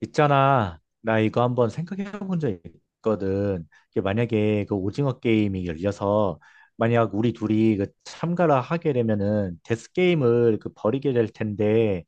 있잖아. 나 이거 한번 생각해 본 적 있거든. 이게 만약에 그 오징어 게임이 열려서 만약 우리 둘이 그 참가를 하게 되면은 데스 게임을 그 벌이게 될 텐데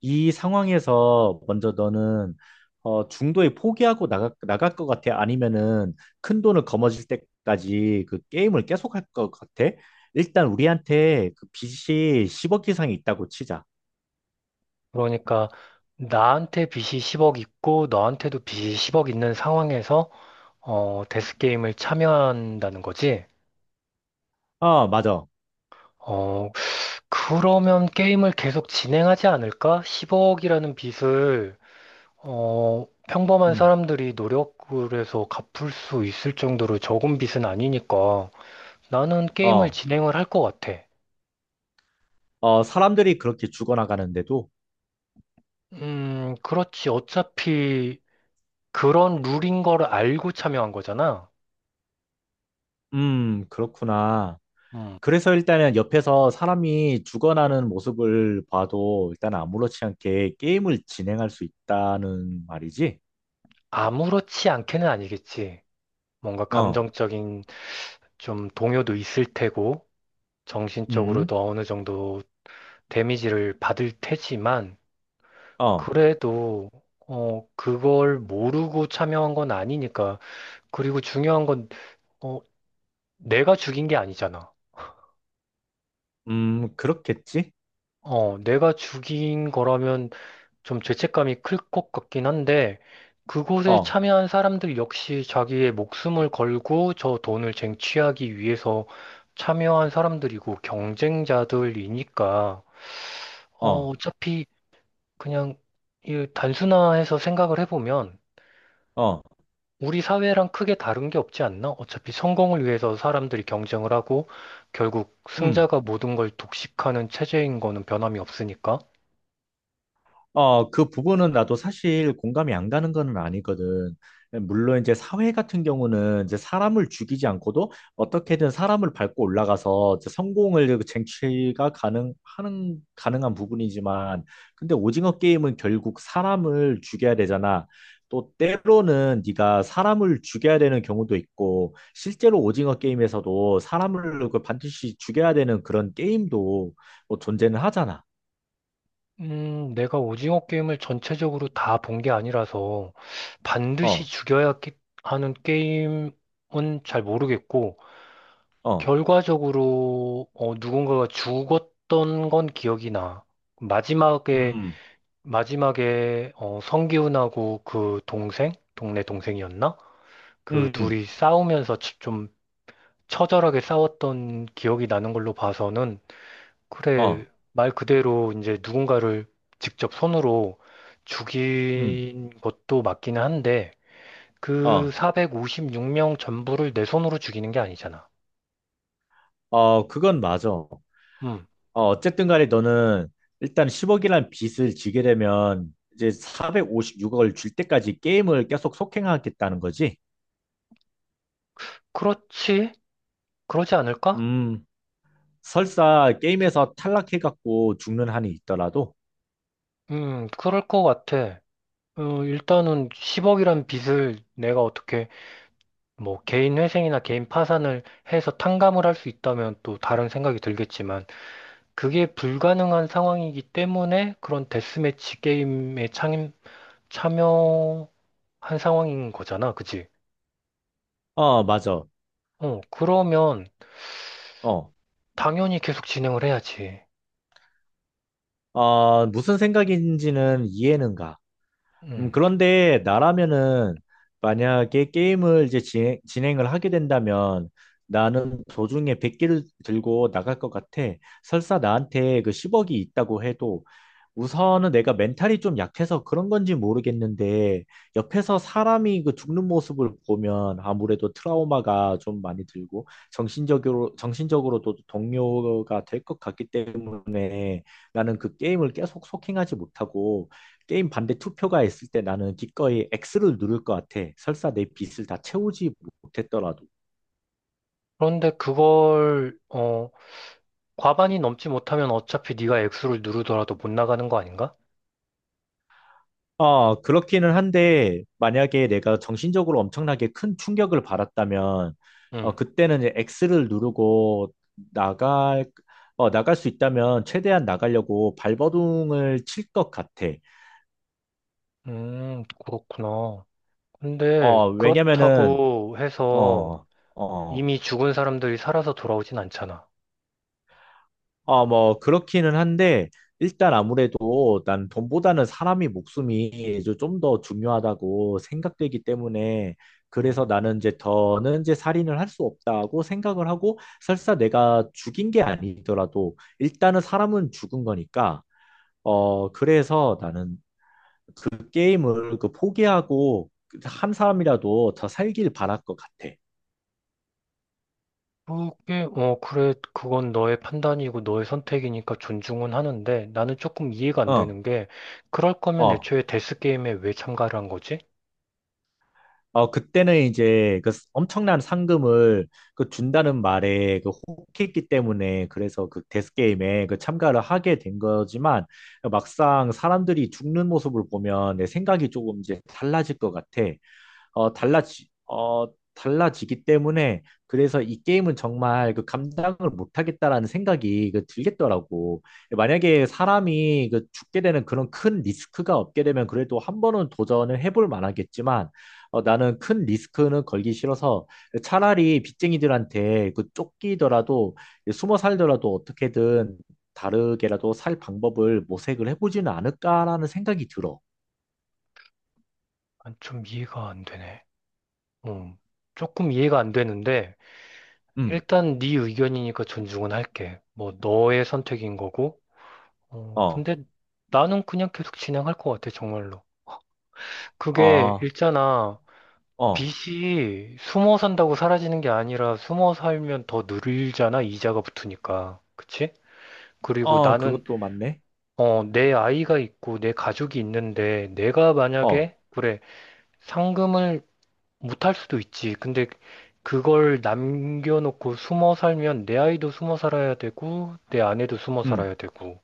이 상황에서 먼저 너는 중도에 포기하고 나가 나갈 것 같아? 아니면은 큰 돈을 거머쥘 때까지 그 게임을 계속할 것 같아? 일단 우리한테 그 빚이 10억 이상이 있다고 치자. 그러니까 나한테 빚이 10억 있고 너한테도 빚이 10억 있는 상황에서 데스 게임을 참여한다는 거지. 어, 맞아. 어, 그러면 게임을 계속 진행하지 않을까? 10억이라는 빚을 평범한 음. 사람들이 노력을 해서 갚을 수 있을 정도로 적은 빚은 아니니까 나는 게임을 어. 진행을 할 것 같아. 어, 사람들이 그렇게 죽어나가는데도, 그렇지. 어차피 그런 룰인 걸 알고 참여한 거잖아. 그렇구나. 음. 그래서 일단은 옆에서 사람이 죽어나는 모습을 봐도 일단 아무렇지 않게 게임을 진행할 수 있다는 말이지? 아무렇지 않게는 아니겠지. 뭔가 어, 감정적인 좀 동요도 있을 테고, 음, 정신적으로도 어느 정도 데미지를 받을 테지만, 어, 그래도, 그걸 모르고 참여한 건 아니니까. 그리고 중요한 건, 어, 내가 죽인 게 아니잖아. 그렇겠지? 내가 죽인 거라면 좀 죄책감이 클 것 같긴 한데, 그곳에 어, 참여한 사람들 역시 자기의 목숨을 걸고 저 돈을 쟁취하기 위해서 참여한 사람들이고 경쟁자들이니까, 어, 어차피 그냥 이 단순화해서 생각을 해보면 어, 우리 사회랑 크게 다른 게 없지 않나? 어차피 성공을 위해서 사람들이 경쟁을 하고 결국 음. 승자가 모든 걸 독식하는 체제인 거는 변함이 없으니까. 어, 그 부분은 나도 사실 공감이 안 가는 건 아니거든. 예, 물론 이제 사회 같은 경우는 이제 사람을 죽이지 않고도 어떻게든 사람을 밟고 올라가서 이제 성공을 쟁취가 가능, 하는, 가능한 부분이지만, 근데 오징어 게임은 결국 사람을 죽여야 되잖아. 또 때로는 네가 사람을 죽여야 되는 경우도 있고, 실제로 오징어 게임에서도 사람을 그 반드시 죽여야 되는 그런 게임도 뭐 존재는 하잖아. 내가 오징어 게임을 전체적으로 다 본 게 아니라서 반드시 어, 죽여야 하는 게임은 잘 모르겠고, 어. 결과적으로 누군가가 죽었던 건 기억이 나. 마지막에, 음. 마지막에 성기훈하고 그 동생? 동네 동생이었나? 그 음, 둘이 싸우면서 좀 처절하게 싸웠던 기억이 나는 걸로 봐서는 그래, 어, 말 그대로 이제 누군가를 직접 손으로 음, 죽인 것도 맞기는 한데, 그 어, 456명 전부를 내 손으로 죽이는 게 아니잖아. 어, 그건 맞아. 어, 음, 어쨌든 간에 너는 일단 10억이란 빚을 지게 되면 이제 456억을 줄 때까지 게임을 계속 속행하겠다는 거지. 그렇지? 그러지 않을까? 음, 설사 게임에서 탈락해갖고 죽는 한이 있더라도, 그럴 것 같아. 일단은 10억이란 빚을 내가 어떻게 뭐 개인 회생이나 개인 파산을 해서 탕감을 할 수 있다면 또 다른 생각이 들겠지만 그게 불가능한 상황이기 때문에 그런 데스매치 게임에 참여한 상황인 거잖아, 그치? 어, 맞아. 그러면 어, 당연히 계속 진행을 해야지. 무슨 생각인지는 이해는 가. 음. 그런데 나라면은 만약에 게임을 이제 진행을 하게 된다면 나는 도중에 100개를 들고 나갈 것 같아. 설사 나한테 그 10억이 있다고 해도 우선은 내가 멘탈이 좀 약해서 그런 건지 모르겠는데, 옆에서 사람이 그 죽는 모습을 보면 아무래도 트라우마가 좀 많이 들고, 정신적으로도 동요가 될 것 같기 때문에 나는 그 게임을 계속 소킹하지 못하고, 게임 반대 투표가 있을 때 나는 기꺼이 X를 누를 것 같아. 설사 내 빚을 다 채우지 못했더라도. 그런데 그걸 과반이 넘지 못하면 어차피 네가 액수를 누르더라도 못 나가는 거 아닌가? 어, 그렇기는 한데, 만약에 내가 정신적으로 엄청나게 큰 충격을 받았다면, 어, 음. 그때는 이제 X를 누르고 나갈, 나갈 수 있다면 최대한 나가려고 발버둥을 칠 것 같아. 그렇구나. 근데 어, 왜냐면은, 그렇다고 해서 어, 어, 이미 죽은 사람들이 살아서 돌아오진 않잖아. 뭐, 그렇기는 한데, 일단 아무래도 난 돈보다는 사람이 목숨이 좀 더 중요하다고 생각되기 때문에, 그래서 음. 나는 이제 더는 이제 살인을 할 수 없다고 생각을 하고, 설사 내가 죽인 게 아니더라도, 일단은 사람은 죽은 거니까, 어, 그래서 나는 그 게임을 그 포기하고, 한 사람이라도 더 살길 바랄 것 같아. 그게, 그래, 그건 너의 판단이고 너의 선택이니까 존중은 하는데 나는 조금 이해가 안 어, 되는 게 그럴 거면 어. 애초에 데스게임에 왜 참가를 한 거지? 어, 그때는 이제 그 엄청난 상금을 그 준다는 말에 그 혹했기 때문에 그래서 그 데스게임에 그 참가를 하게 된 거지만 막상 사람들이 죽는 모습을 보면 내 생각이 조금 이제 달라질 것 같아. 어, 달라지기 때문에 그래서 이 게임은 정말 그 감당을 못하겠다라는 생각이 그 들겠더라고. 만약에 사람이 그 죽게 되는 그런 큰 리스크가 없게 되면 그래도 한 번은 도전을 해볼 만하겠지만 나는 큰 리스크는 걸기 싫어서 차라리 빚쟁이들한테 그 쫓기더라도 숨어 살더라도 어떻게든 다르게라도 살 방법을 모색을 해보지는 않을까라는 생각이 들어. 난 좀 이해가 안 되네. 음, 조금 이해가 안 되는데 음, 일단 네 의견이니까 존중은 할게. 뭐 너의 선택인 거고. 어, 근데 나는 그냥 계속 진행할 것 같아, 정말로. 그게 어, 있잖아. 어. 빚이 숨어 산다고 사라지는 게 아니라 숨어 살면 더 늘잖아, 이자가 붙으니까. 그치? 그리고 어, 나는 그것도 맞네. 내 아이가 있고 내 가족이 있는데 내가 어, 만약에 그래 상금을 못할 수도 있지. 근데 그걸 남겨놓고 숨어 살면 내 아이도 숨어 살아야 되고 내 아내도 숨어 음, 살아야 되고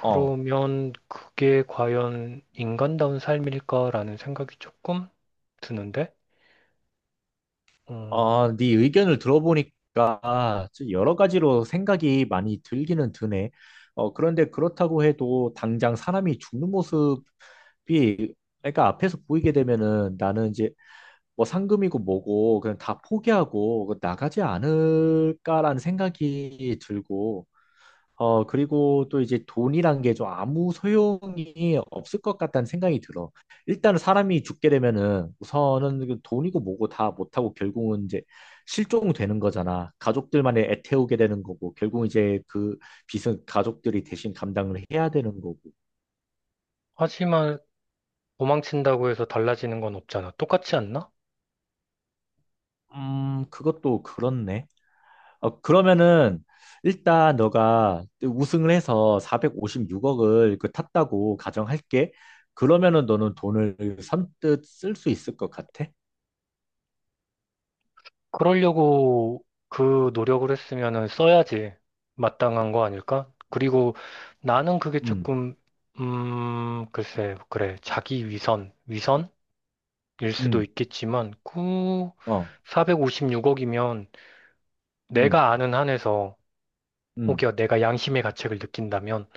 어, 그게 과연 인간다운 삶일까라는 생각이 조금 드는데 어, 어, 네 의견을 들어보니까 좀 여러 가지로 생각이 많이 들기는 드네. 어, 그런데 그렇다고 해도 당장 사람이 죽는 모습이, 그러니까 앞에서 보이게 되면은 나는 이제 뭐 상금이고 뭐고 그냥 다 포기하고 나가지 않을까라는 생각이 들고, 어, 그리고 또 이제 돈이란 게 좀 아무 소용이 없을 것 같다는 생각이 들어. 일단은 사람이 죽게 되면은 우선은 그 돈이고 뭐고 다 못하고 결국은 이제 실종되는 거잖아. 가족들만의 애태우게 되는 거고, 결국 이제 그 빚은 가족들이 대신 감당을 해야 되는 거고. 하지만 도망친다고 해서 달라지는 건 없잖아. 똑같지 않나? 그것도 그렇네. 어, 그러면은 일단 너가 우승을 해서 456억을 그 탔다고 가정할게. 그러면은 너는 돈을 선뜻 쓸 수 있을 것 같아? 그러려고 그 노력을 했으면은 써야지 마땅한 거 아닐까? 그리고 나는 그게 음, 조금, 글쎄, 그래. 자기 위선일 수도 음, 있겠지만, 그 어, 456억이면 음, 내가 아는 한에서 음, 혹여 내가 양심의 가책을 느낀다면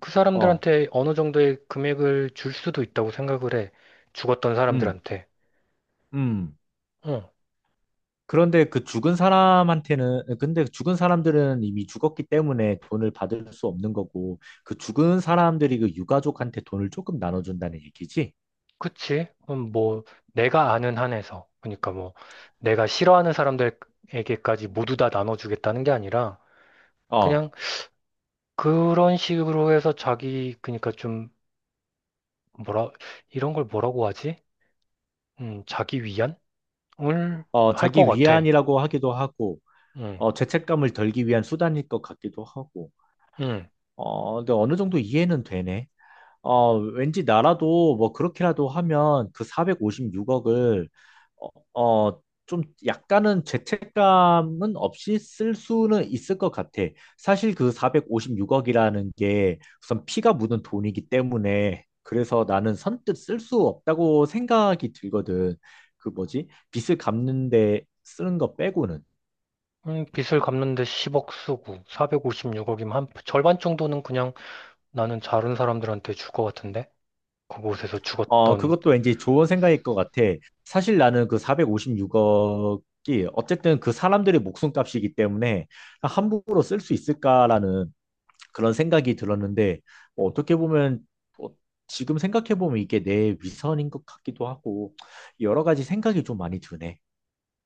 그 어, 사람들한테 어느 정도의 금액을 줄 수도 있다고 생각을 해. 죽었던 음, 사람들한테. 음. 응. 그런데 그 죽은 사람한테는, 근데 죽은 사람들은 이미 죽었기 때문에 돈을 받을 수 없는 거고, 그 죽은 사람들이 그 유가족한테 돈을 조금 나눠준다는 얘기지? 그치? 그럼 뭐, 내가 아는 한에서. 그러니까 뭐, 내가 싫어하는 사람들에게까지 모두 다 나눠주겠다는 게 아니라, 어, 그냥 그런 식으로 해서 자기, 그러니까 좀, 뭐라, 이런 걸 뭐라고 하지? 자기 위안을 어, 할 것 자기 같아. 위안이라고 하기도 하고, 음, 어, 죄책감을 덜기 위한 수단일 것 같기도 하고. 음. 어, 근데 어느 정도 이해는 되네. 어, 왠지 나라도 뭐 그렇게라도 하면 그 456억을 어, 어, 좀 약간은 죄책감은 없이 쓸 수는 있을 것 같아. 사실 그 456억이라는 게 우선 피가 묻은 돈이기 때문에 그래서 나는 선뜻 쓸 수 없다고 생각이 들거든. 그 뭐지? 빚을 갚는데 쓰는 거 빼고는. 빚을 갚는데 10억 쓰고, 456억이면 한 절반 정도는 그냥 나는 다른 사람들한테 줄 것 같은데? 그곳에서 어, 죽었던 그것도 왠지 좋은 생각일 것 같아. 사실 나는 그 456억이 어쨌든 그 사람들의 목숨값이기 때문에 함부로 쓸 수 있을까라는 그런 생각이 들었는데, 뭐 어떻게 보면, 뭐 지금 생각해보면 이게 내 위선인 것 같기도 하고, 여러 가지 생각이 좀 많이 드네.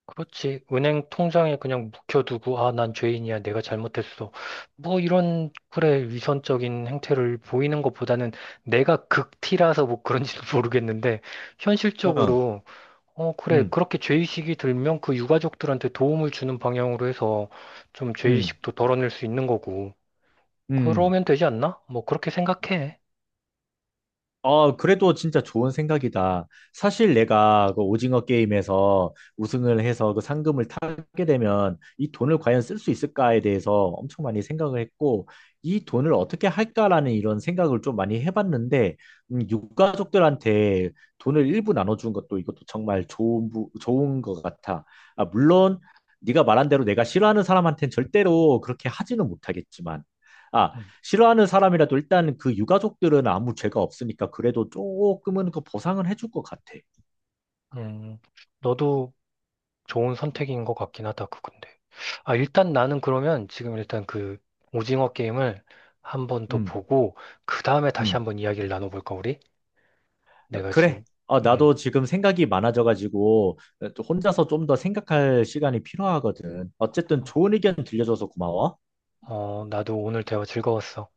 그렇지. 은행 통장에 그냥 묵혀두고, 아, 난 죄인이야. 내가 잘못했어. 뭐 이런, 그래, 위선적인 행태를 보이는 것보다는 내가 극티라서 뭐 그런지도 모르겠는데, 어, 현실적으로, 그래, 음, 그렇게 죄의식이 들면 그 유가족들한테 도움을 주는 방향으로 해서 좀 음, 죄의식도 덜어낼 수 있는 거고. 음. 그러면 되지 않나? 뭐 그렇게 생각해. 어, 그래도 진짜 좋은 생각이다. 사실 내가 그 오징어 게임에서 우승을 해서 그 상금을 타게 되면 이 돈을 과연 쓸 수 있을까에 대해서 엄청 많이 생각을 했고, 이 돈을 어떻게 할까라는 이런 생각을 좀 많이 해봤는데, 유가족들한테 돈을 일부 나눠준 것도 이것도 정말 좋은, 좋은 것 같아. 아, 물론 네가 말한 대로 내가 싫어하는 사람한테는 절대로 그렇게 하지는 못하겠지만, 아, 음, 싫어하는 사람이라도 일단 그 유가족들은 아무 죄가 없으니까 그래도 조금은 그 보상은 해줄 것 같아. 음. 너도 좋은 선택인 것 같긴 하다, 그건데. 아, 일단 나는 그러면 지금 일단 그 오징어 게임을 한번 더 음, 보고, 그 다음에 다시 음. 한번 이야기를 나눠볼까, 우리? 어, 내가 그래. 지금, 어, 음, 나도 지금 생각이 많아져가지고 또 혼자서 좀 더 생각할 시간이 필요하거든. 어쨌든 좋은 의견 들려줘서 고마워. 나도 오늘 대화 즐거웠어.